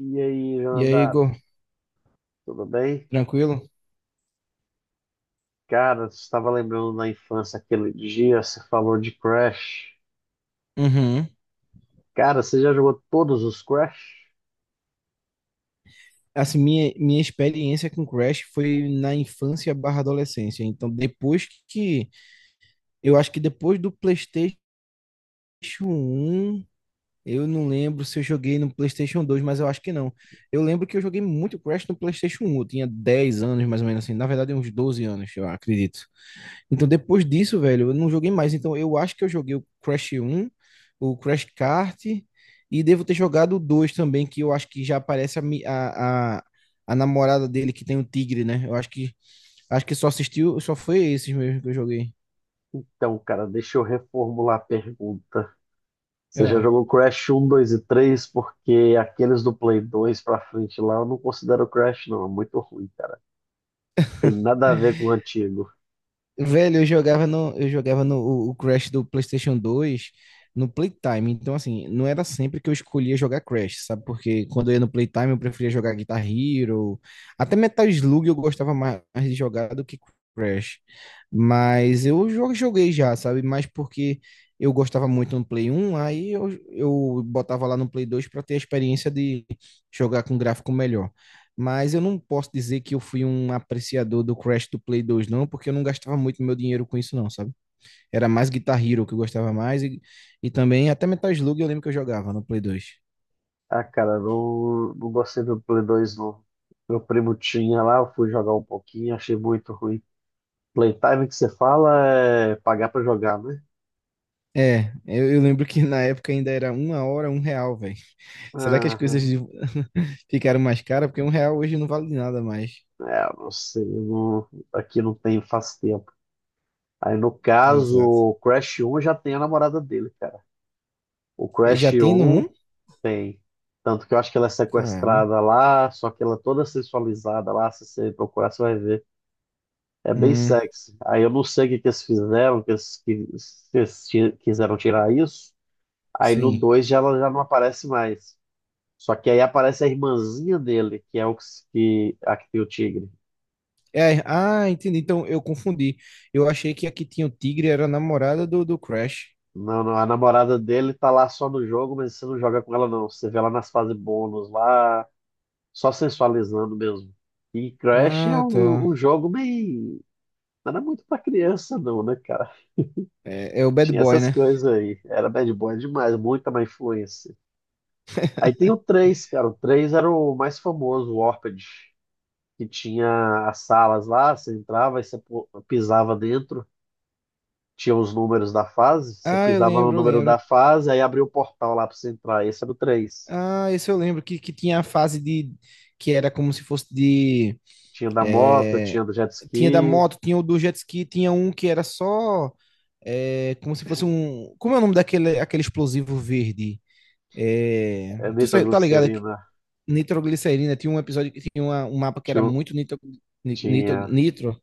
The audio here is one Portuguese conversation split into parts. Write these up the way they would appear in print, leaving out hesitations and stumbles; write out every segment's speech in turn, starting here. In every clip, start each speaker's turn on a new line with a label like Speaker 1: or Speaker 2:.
Speaker 1: E aí,
Speaker 2: E aí,
Speaker 1: Jonathan,
Speaker 2: Igor,
Speaker 1: tudo bem?
Speaker 2: tranquilo?
Speaker 1: Cara, você estava lembrando na infância aquele dia, você falou de Crash.
Speaker 2: Uhum.
Speaker 1: Cara, você já jogou todos os Crash?
Speaker 2: Assim, minha experiência com Crash foi na infância barra adolescência. Eu acho que depois do PlayStation um eu não lembro se eu joguei no PlayStation dois, mas eu acho que não. Eu lembro que eu joguei muito Crash no PlayStation um. Eu tinha 10 anos, mais ou menos assim. Na verdade, uns 12 anos, eu acredito. Então, depois disso, velho, eu não joguei mais. Então, eu acho que eu joguei o Crash 1, o Crash Kart, e devo ter jogado o 2 também, que eu acho que já aparece a, mi- a namorada dele que tem um tigre, né? Eu acho que só assistiu, só foi esses mesmo que eu joguei.
Speaker 1: Então, cara, deixa eu reformular a pergunta. Você já
Speaker 2: Ah.
Speaker 1: jogou Crash um, 2 e 3? Porque aqueles do Play 2 pra frente lá eu não considero Crash, não. É muito ruim, cara. Tem nada a ver com o antigo.
Speaker 2: Velho, eu jogava no o Crash do PlayStation 2 no Playtime. Então, assim, não era sempre que eu escolhia jogar Crash, sabe? Porque quando eu ia no Playtime, eu preferia jogar Guitar Hero. Até Metal Slug eu gostava mais de jogar do que Crash. Mas eu joguei já, sabe? Mas porque eu gostava muito no Play 1, aí eu botava lá no Play 2 para ter a experiência de jogar com gráfico melhor. Mas eu não posso dizer que eu fui um apreciador do Crash do Play 2, não, porque eu não gastava muito meu dinheiro com isso, não, sabe? Era mais Guitar Hero que eu gostava mais, e também até Metal Slug eu lembro que eu jogava no Play 2.
Speaker 1: Ah, cara, não, não gostei do Play 2, não. Meu primo tinha lá, eu fui jogar um pouquinho, achei muito ruim. Playtime que você fala é pagar pra jogar, né?
Speaker 2: É, eu lembro que na época ainda era uma hora, um real, velho. Será que as coisas
Speaker 1: Aham.
Speaker 2: ficaram mais caras? Porque um real hoje não vale nada mais.
Speaker 1: É, eu não sei, eu aqui não tem faz tempo. Aí no caso,
Speaker 2: Exato.
Speaker 1: o Crash 1 já tem a namorada dele, cara. O
Speaker 2: Eh, já
Speaker 1: Crash
Speaker 2: tem no
Speaker 1: 1
Speaker 2: um?
Speaker 1: tem. Tanto que eu acho que ela é
Speaker 2: Cara,
Speaker 1: sequestrada lá, só que ela é toda sensualizada lá, se você procurar, você vai ver. É bem
Speaker 2: hum,
Speaker 1: sexy. Aí eu não sei o que que eles fizeram, se eles quiseram tirar isso. Aí no
Speaker 2: sim.
Speaker 1: 2 já, ela já não aparece mais. Só que aí aparece a irmãzinha dele, que é o que, que- a que tem o tigre.
Speaker 2: É, ah, entendi. Então eu confundi. Eu achei que a que tinha o tigre era a namorada do, do Crash.
Speaker 1: Não, não, a namorada dele tá lá só no jogo, mas você não joga com ela, não. Você vê ela nas fases bônus, lá, só sensualizando mesmo. E Crash é
Speaker 2: Ah, tá.
Speaker 1: um jogo meio. Não era muito pra criança, não, né, cara?
Speaker 2: É, é o Bad
Speaker 1: Tinha
Speaker 2: Boy,
Speaker 1: essas
Speaker 2: né?
Speaker 1: coisas aí. Era bad boy demais, muita má influência. Aí tem o três, cara. O 3 era o mais famoso, o Orpid, que tinha as salas lá, você entrava e você pisava dentro. Tinha os números da fase, você
Speaker 2: Ah, eu
Speaker 1: pisava no
Speaker 2: lembro, eu
Speaker 1: número da
Speaker 2: lembro.
Speaker 1: fase, aí abria o portal lá para você entrar. Esse era o três.
Speaker 2: Ah, esse eu lembro que tinha a fase de. Que era como se fosse de.
Speaker 1: Tinha da moto,
Speaker 2: É,
Speaker 1: tinha do jet
Speaker 2: tinha da
Speaker 1: ski,
Speaker 2: moto, tinha o do jet ski, tinha um que era só. É, como se fosse um. Como é o nome daquele aquele explosivo verde? É,
Speaker 1: é,
Speaker 2: tá ligado? É que
Speaker 1: nitroglicerina,
Speaker 2: Nitroglicerina. Tinha um episódio que tinha um mapa que era
Speaker 1: tinha, o-
Speaker 2: muito nitro,
Speaker 1: tinha,
Speaker 2: nitro.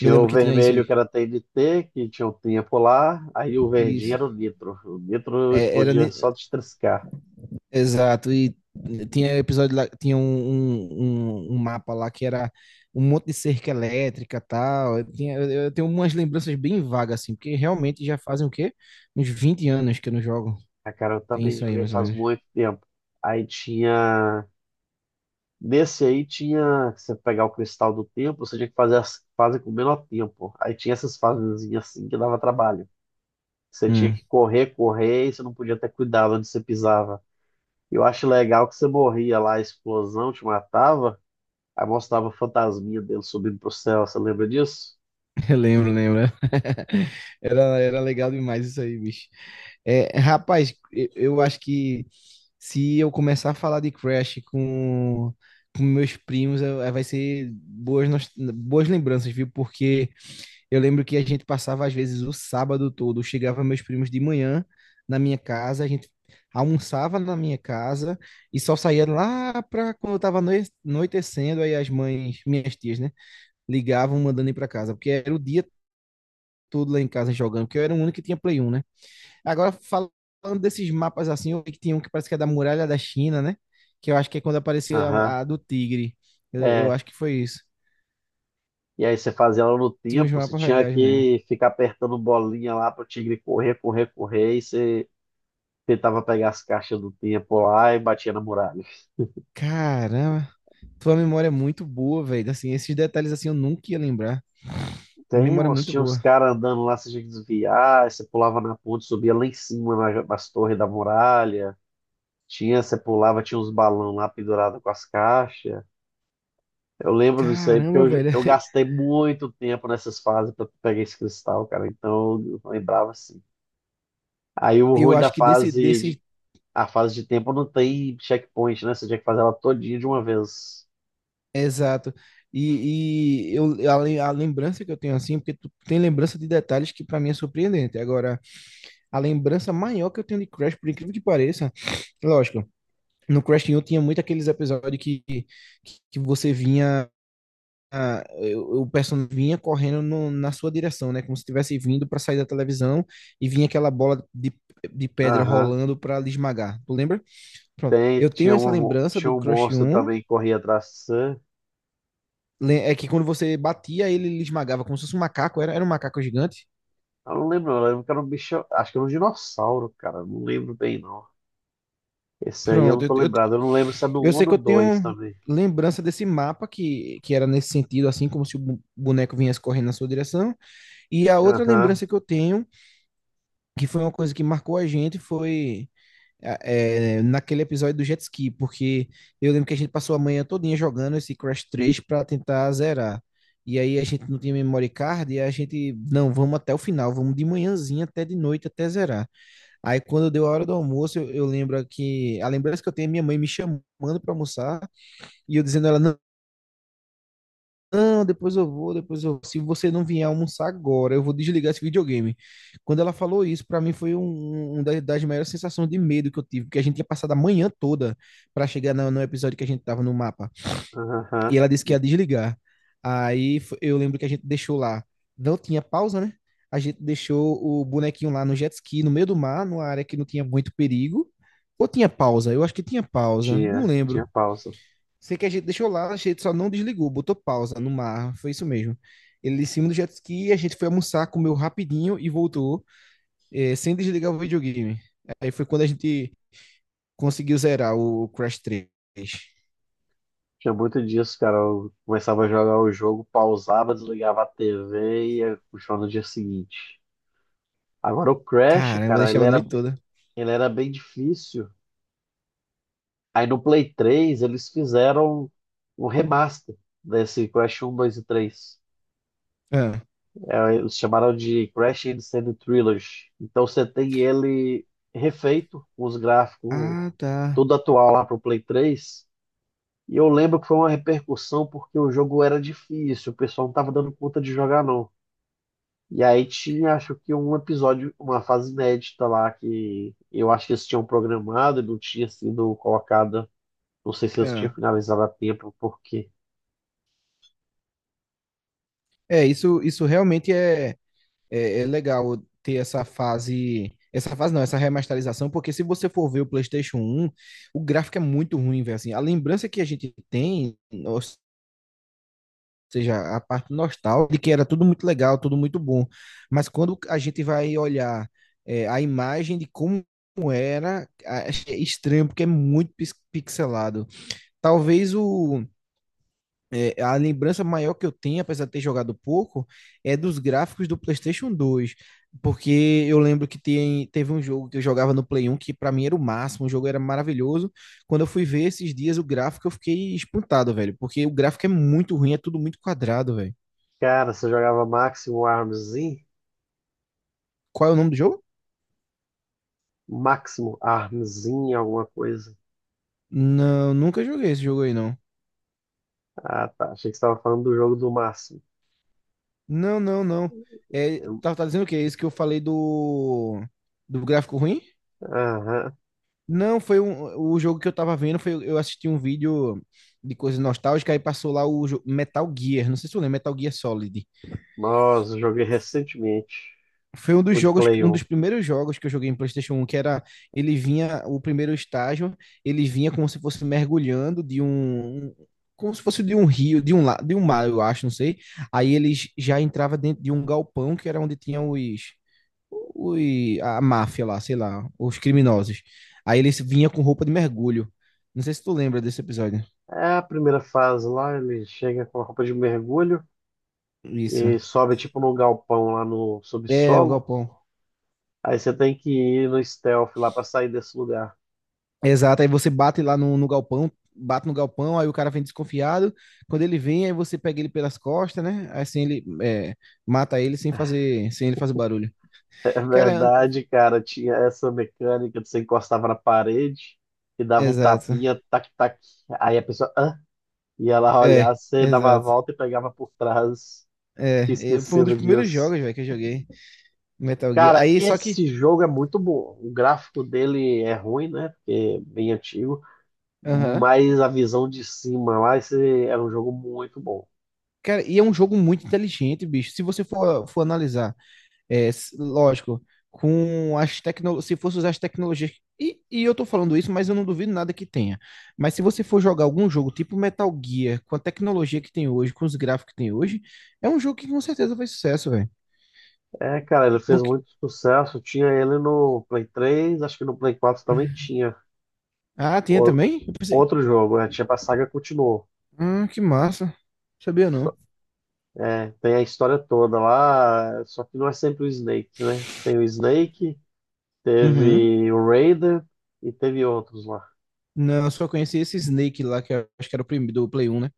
Speaker 2: Eu lembro
Speaker 1: o
Speaker 2: que tinha isso
Speaker 1: vermelho que
Speaker 2: aí.
Speaker 1: era TNT, que tinha o, tinha polar, aí o verdinho
Speaker 2: Isso.
Speaker 1: era o nitro. O nitro
Speaker 2: É, era
Speaker 1: explodia só de triscar.
Speaker 2: Exato, e tinha episódio lá, tinha um um mapa lá que era um monte de cerca elétrica tal. Eu tenho umas lembranças bem vagas, assim, porque realmente já fazem o quê? Uns 20 anos que eu não jogo.
Speaker 1: Ah, cara, eu
Speaker 2: Tem
Speaker 1: também
Speaker 2: isso aí,
Speaker 1: joguei
Speaker 2: mais ou
Speaker 1: faz
Speaker 2: menos.
Speaker 1: muito tempo. Aí tinha. Nesse aí tinha. Você pegar o cristal do tempo, você tinha que fazer as fases com o menor tempo. Aí tinha essas fasezinhas assim que dava trabalho. Você tinha
Speaker 2: Hum,
Speaker 1: que correr, correr, e você não podia ter cuidado onde você pisava. Eu acho legal que você morria lá, a explosão te matava, aí mostrava a fantasminha dele subindo pro céu, você lembra disso?
Speaker 2: eu lembro, lembro. Era, era legal demais isso aí, bicho. É, rapaz, eu acho que se eu começar a falar de Crash com meus primos, vai ser boas, boas lembranças, viu? Porque eu lembro que a gente passava, às vezes, o sábado todo. Chegava meus primos de manhã na minha casa, a gente almoçava na minha casa e só saía lá para quando estava anoitecendo. Aí as mães, minhas tias, né, ligavam mandando ir para casa, porque era o dia todo lá em casa jogando, porque eu era o único que tinha Play 1, né? Agora, falando desses mapas assim, eu vi que tinha um que parece que é da Muralha da China, né? Que eu acho que é quando apareceu
Speaker 1: Aham,
Speaker 2: a do Tigre. Eu
Speaker 1: é.
Speaker 2: acho que foi isso.
Speaker 1: E aí você fazia ela no
Speaker 2: Tinha uns
Speaker 1: tempo, você
Speaker 2: mapas
Speaker 1: tinha
Speaker 2: legais mesmo.
Speaker 1: que ficar apertando bolinha lá pro tigre correr, correr, correr, e você tentava pegar as caixas do tempo lá e batia na muralha.
Speaker 2: Caramba, tua memória é muito boa, velho. Assim, esses detalhes assim eu nunca ia lembrar.
Speaker 1: Tem,
Speaker 2: Memória
Speaker 1: moço,
Speaker 2: muito
Speaker 1: tinha uns
Speaker 2: boa.
Speaker 1: caras andando lá, você tinha que desviar, aí você pulava na ponte, subia lá em cima nas torres da muralha. Tinha, você pulava, tinha uns balão lá pendurado com as caixas. Eu lembro disso aí, porque
Speaker 2: Caramba, velho.
Speaker 1: eu gastei muito tempo nessas fases para pegar esse cristal, cara. Então eu lembrava assim. Aí o
Speaker 2: Eu
Speaker 1: ruim da
Speaker 2: acho que desse,
Speaker 1: fase de,
Speaker 2: desse,
Speaker 1: A fase de tempo não tem checkpoint, né? Você tinha que fazer ela todinha de uma vez.
Speaker 2: exato. A lembrança que eu tenho assim, porque tu tem lembrança de detalhes que pra mim é surpreendente. Agora, a lembrança maior que eu tenho de Crash, por incrível que pareça, lógico, no Crash 1 tinha muito aqueles episódios que você o personagem vinha correndo na sua direção, né? Como se estivesse vindo para sair da televisão e vinha aquela bola de pedra
Speaker 1: Aham.
Speaker 2: rolando para lhe esmagar. Tu lembra? Pronto.
Speaker 1: Tem,
Speaker 2: Eu tenho essa lembrança
Speaker 1: tinha
Speaker 2: do
Speaker 1: um
Speaker 2: Crush
Speaker 1: monstro
Speaker 2: 1,
Speaker 1: também que corria atrás de você.
Speaker 2: é que quando você batia, ele lhe esmagava, como se fosse um macaco, era, era um macaco gigante.
Speaker 1: Eu não lembro, eu lembro que era um bicho. Acho que era um dinossauro, cara. Não lembro bem, não. Esse aí eu não
Speaker 2: Pronto,
Speaker 1: tô lembrado. Eu não lembro se é do um
Speaker 2: eu
Speaker 1: ou
Speaker 2: sei que
Speaker 1: do
Speaker 2: eu
Speaker 1: 2
Speaker 2: tenho
Speaker 1: também.
Speaker 2: lembrança desse mapa que era nesse sentido, assim, como se o boneco viesse correndo na sua direção. E a outra
Speaker 1: Aham.
Speaker 2: lembrança que eu tenho, que foi uma coisa que marcou a gente, foi. É, naquele episódio do jet ski, porque eu lembro que a gente passou a manhã todinha jogando esse Crash 3 para tentar zerar. E aí a gente não tinha memory card e a gente, não, vamos até o final, vamos de manhãzinha até de noite até zerar. Aí quando deu a hora do almoço, eu lembro que a lembrança que eu tenho é minha mãe me chamando para almoçar e eu dizendo a ela, não, depois eu vou. Se você não vier almoçar agora, eu vou desligar esse videogame. Quando ela falou isso, pra mim foi um das, das maiores sensações de medo que eu tive, porque a gente tinha passado a manhã toda pra chegar no episódio que a gente tava no mapa. E
Speaker 1: Aham,
Speaker 2: ela disse que
Speaker 1: e
Speaker 2: ia desligar. Eu lembro que a gente deixou lá. Não tinha pausa, né? A gente deixou o bonequinho lá no jet ski, no meio do mar, numa área que não tinha muito perigo. Ou tinha pausa? Eu acho que tinha pausa, não
Speaker 1: tinha, tinha
Speaker 2: lembro.
Speaker 1: pausa.
Speaker 2: Sei que a gente deixou lá, a gente só não desligou, botou pausa no mar, foi isso mesmo. Ele em cima do jet ski, a gente foi almoçar, comeu rapidinho e voltou, sem desligar o videogame. Aí foi quando a gente conseguiu zerar o Crash 3.
Speaker 1: Tinha muito disso, cara. Eu começava a jogar o jogo, pausava, desligava a TV e ia puxar no dia seguinte. Agora o Crash,
Speaker 2: Caramba, eu
Speaker 1: cara,
Speaker 2: deixava a noite toda.
Speaker 1: ele era bem difícil. Aí no Play 3 eles fizeram um remaster desse Crash um, 2 e três.
Speaker 2: Ah,
Speaker 1: Eles chamaram de Crash Insane Trilogy. Então você tem ele refeito, com os gráficos
Speaker 2: ah, tá.
Speaker 1: tudo atual lá pro Play 3. E eu lembro que foi uma repercussão porque o jogo era difícil, o pessoal não estava dando conta de jogar, não. E aí tinha, acho que um episódio, uma fase inédita lá que eu acho que eles tinham programado e não tinha sido colocada. Não sei se eles tinham
Speaker 2: Ah.
Speaker 1: finalizado a tempo, porque
Speaker 2: Isso realmente é legal ter essa fase. Essa fase não, essa remasterização, porque se você for ver o PlayStation 1, o gráfico é muito ruim, velho. Assim, a lembrança que a gente tem, seja, a parte nostálgica, de que era tudo muito legal, tudo muito bom. Mas quando a gente vai olhar a imagem de como era, é estranho, porque é muito pixelado. Talvez o, a lembrança maior que eu tenho, apesar de ter jogado pouco, é dos gráficos do PlayStation 2. Porque eu lembro que teve um jogo que eu jogava no Play 1 que para mim era o máximo, o jogo era maravilhoso. Quando eu fui ver esses dias o gráfico, eu fiquei espantado, velho, porque o gráfico é muito ruim, é tudo muito quadrado, velho.
Speaker 1: cara, você jogava Máximo Armzinho?
Speaker 2: Qual é o nome do jogo?
Speaker 1: Máximo Armzinho, alguma coisa.
Speaker 2: Não, nunca joguei esse jogo aí, não.
Speaker 1: Ah, tá. Achei que você estava falando do jogo do Máximo.
Speaker 2: Não, não, não. É,
Speaker 1: Eu-
Speaker 2: tá, tá dizendo o quê? Esse que eu falei do, do gráfico ruim?
Speaker 1: Aham.
Speaker 2: Não, foi um, o jogo que eu tava vendo, foi, eu assisti um vídeo de coisa nostálgica, aí passou lá o Metal Gear, não sei se tu lembra, Metal Gear Solid.
Speaker 1: Nossa, eu joguei recentemente.
Speaker 2: Foi um dos
Speaker 1: O de
Speaker 2: jogos,
Speaker 1: Play
Speaker 2: um
Speaker 1: 1.
Speaker 2: dos primeiros jogos que eu joguei em PlayStation 1, que era ele vinha, o primeiro estágio, ele vinha como se fosse mergulhando de como se fosse de um rio, de de um mar, eu acho, não sei. Aí ele já entrava dentro de um galpão que era onde tinham os a máfia lá, sei lá, os criminosos. Aí ele vinha com roupa de mergulho. Não sei se tu lembra desse episódio.
Speaker 1: É a primeira fase lá, ele chega com a roupa de mergulho
Speaker 2: Isso.
Speaker 1: e sobe tipo num galpão lá no
Speaker 2: É, o
Speaker 1: subsolo.
Speaker 2: galpão.
Speaker 1: Aí você tem que ir no stealth lá pra sair desse lugar.
Speaker 2: Exato, aí você bate lá no galpão, bate no galpão, aí o cara vem desconfiado. Quando ele vem, aí você pega ele pelas costas, né? Aí assim ele é, mata ele sem fazer, sem ele fazer barulho.
Speaker 1: É
Speaker 2: Cara, an-
Speaker 1: verdade, cara, tinha essa mecânica de você encostava na parede e dava um
Speaker 2: exato.
Speaker 1: tapinha, tac, tac. Aí a pessoa Hã? Ia lá olhar,
Speaker 2: É,
Speaker 1: você dava a
Speaker 2: exato.
Speaker 1: volta e pegava por trás. Tinha
Speaker 2: Foi um dos
Speaker 1: esquecido
Speaker 2: primeiros
Speaker 1: disso.
Speaker 2: jogos, velho, que eu joguei Metal Gear.
Speaker 1: Cara,
Speaker 2: Aí, só que,
Speaker 1: esse jogo é muito bom. O gráfico dele é ruim, né? Porque é bem antigo.
Speaker 2: aham.
Speaker 1: Mas a visão de cima lá, esse era um jogo muito bom.
Speaker 2: Cara, e é um jogo muito inteligente, bicho. Se você for, for analisar. É, lógico, se fosse usar as tecnologias. E eu tô falando isso, mas eu não duvido nada que tenha. Mas se você for jogar algum jogo tipo Metal Gear, com a tecnologia que tem hoje, com os gráficos que tem hoje, é um jogo que com certeza faz sucesso, velho.
Speaker 1: É, cara, ele fez
Speaker 2: Porque...
Speaker 1: muito sucesso. Tinha ele no Play três, acho que no Play 4 também tinha.
Speaker 2: Ah, tinha
Speaker 1: O-
Speaker 2: também? Eu pensei,
Speaker 1: outro jogo, né? Tinha pra, saga continuou.
Speaker 2: que massa. Sabia
Speaker 1: Só-
Speaker 2: não.
Speaker 1: é, tem a história toda lá, só que não é sempre o Snake, né? Tem o Snake,
Speaker 2: Uhum.
Speaker 1: teve o Raiden e teve outros lá.
Speaker 2: Não, eu só conheci esse Snake lá, que eu acho que era o primeiro do Play 1, né?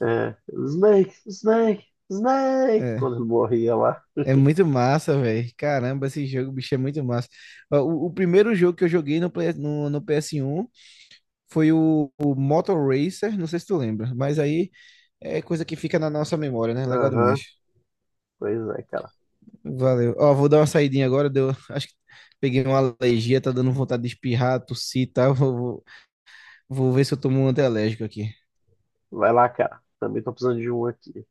Speaker 1: É, Snake, Snake, Snake,
Speaker 2: É.
Speaker 1: quando ele morria lá.
Speaker 2: É muito massa, velho. Caramba, esse jogo, bicho, é muito massa. Ó, o primeiro jogo que eu joguei no PS1 foi o Motor Racer, não sei se tu lembra, mas aí é coisa que fica na nossa memória, né? Legal demais.
Speaker 1: Aham, pois é, cara.
Speaker 2: Valeu. Ó, vou dar uma saidinha agora, deu, acho que peguei uma alergia, tá dando vontade de espirrar, tossir e tal. Vou ver se eu tomo um antialérgico aqui.
Speaker 1: Vai lá, cara. Também tô precisando de um aqui.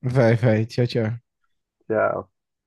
Speaker 2: Vai, vai. Tchau, tchau.
Speaker 1: Tchau.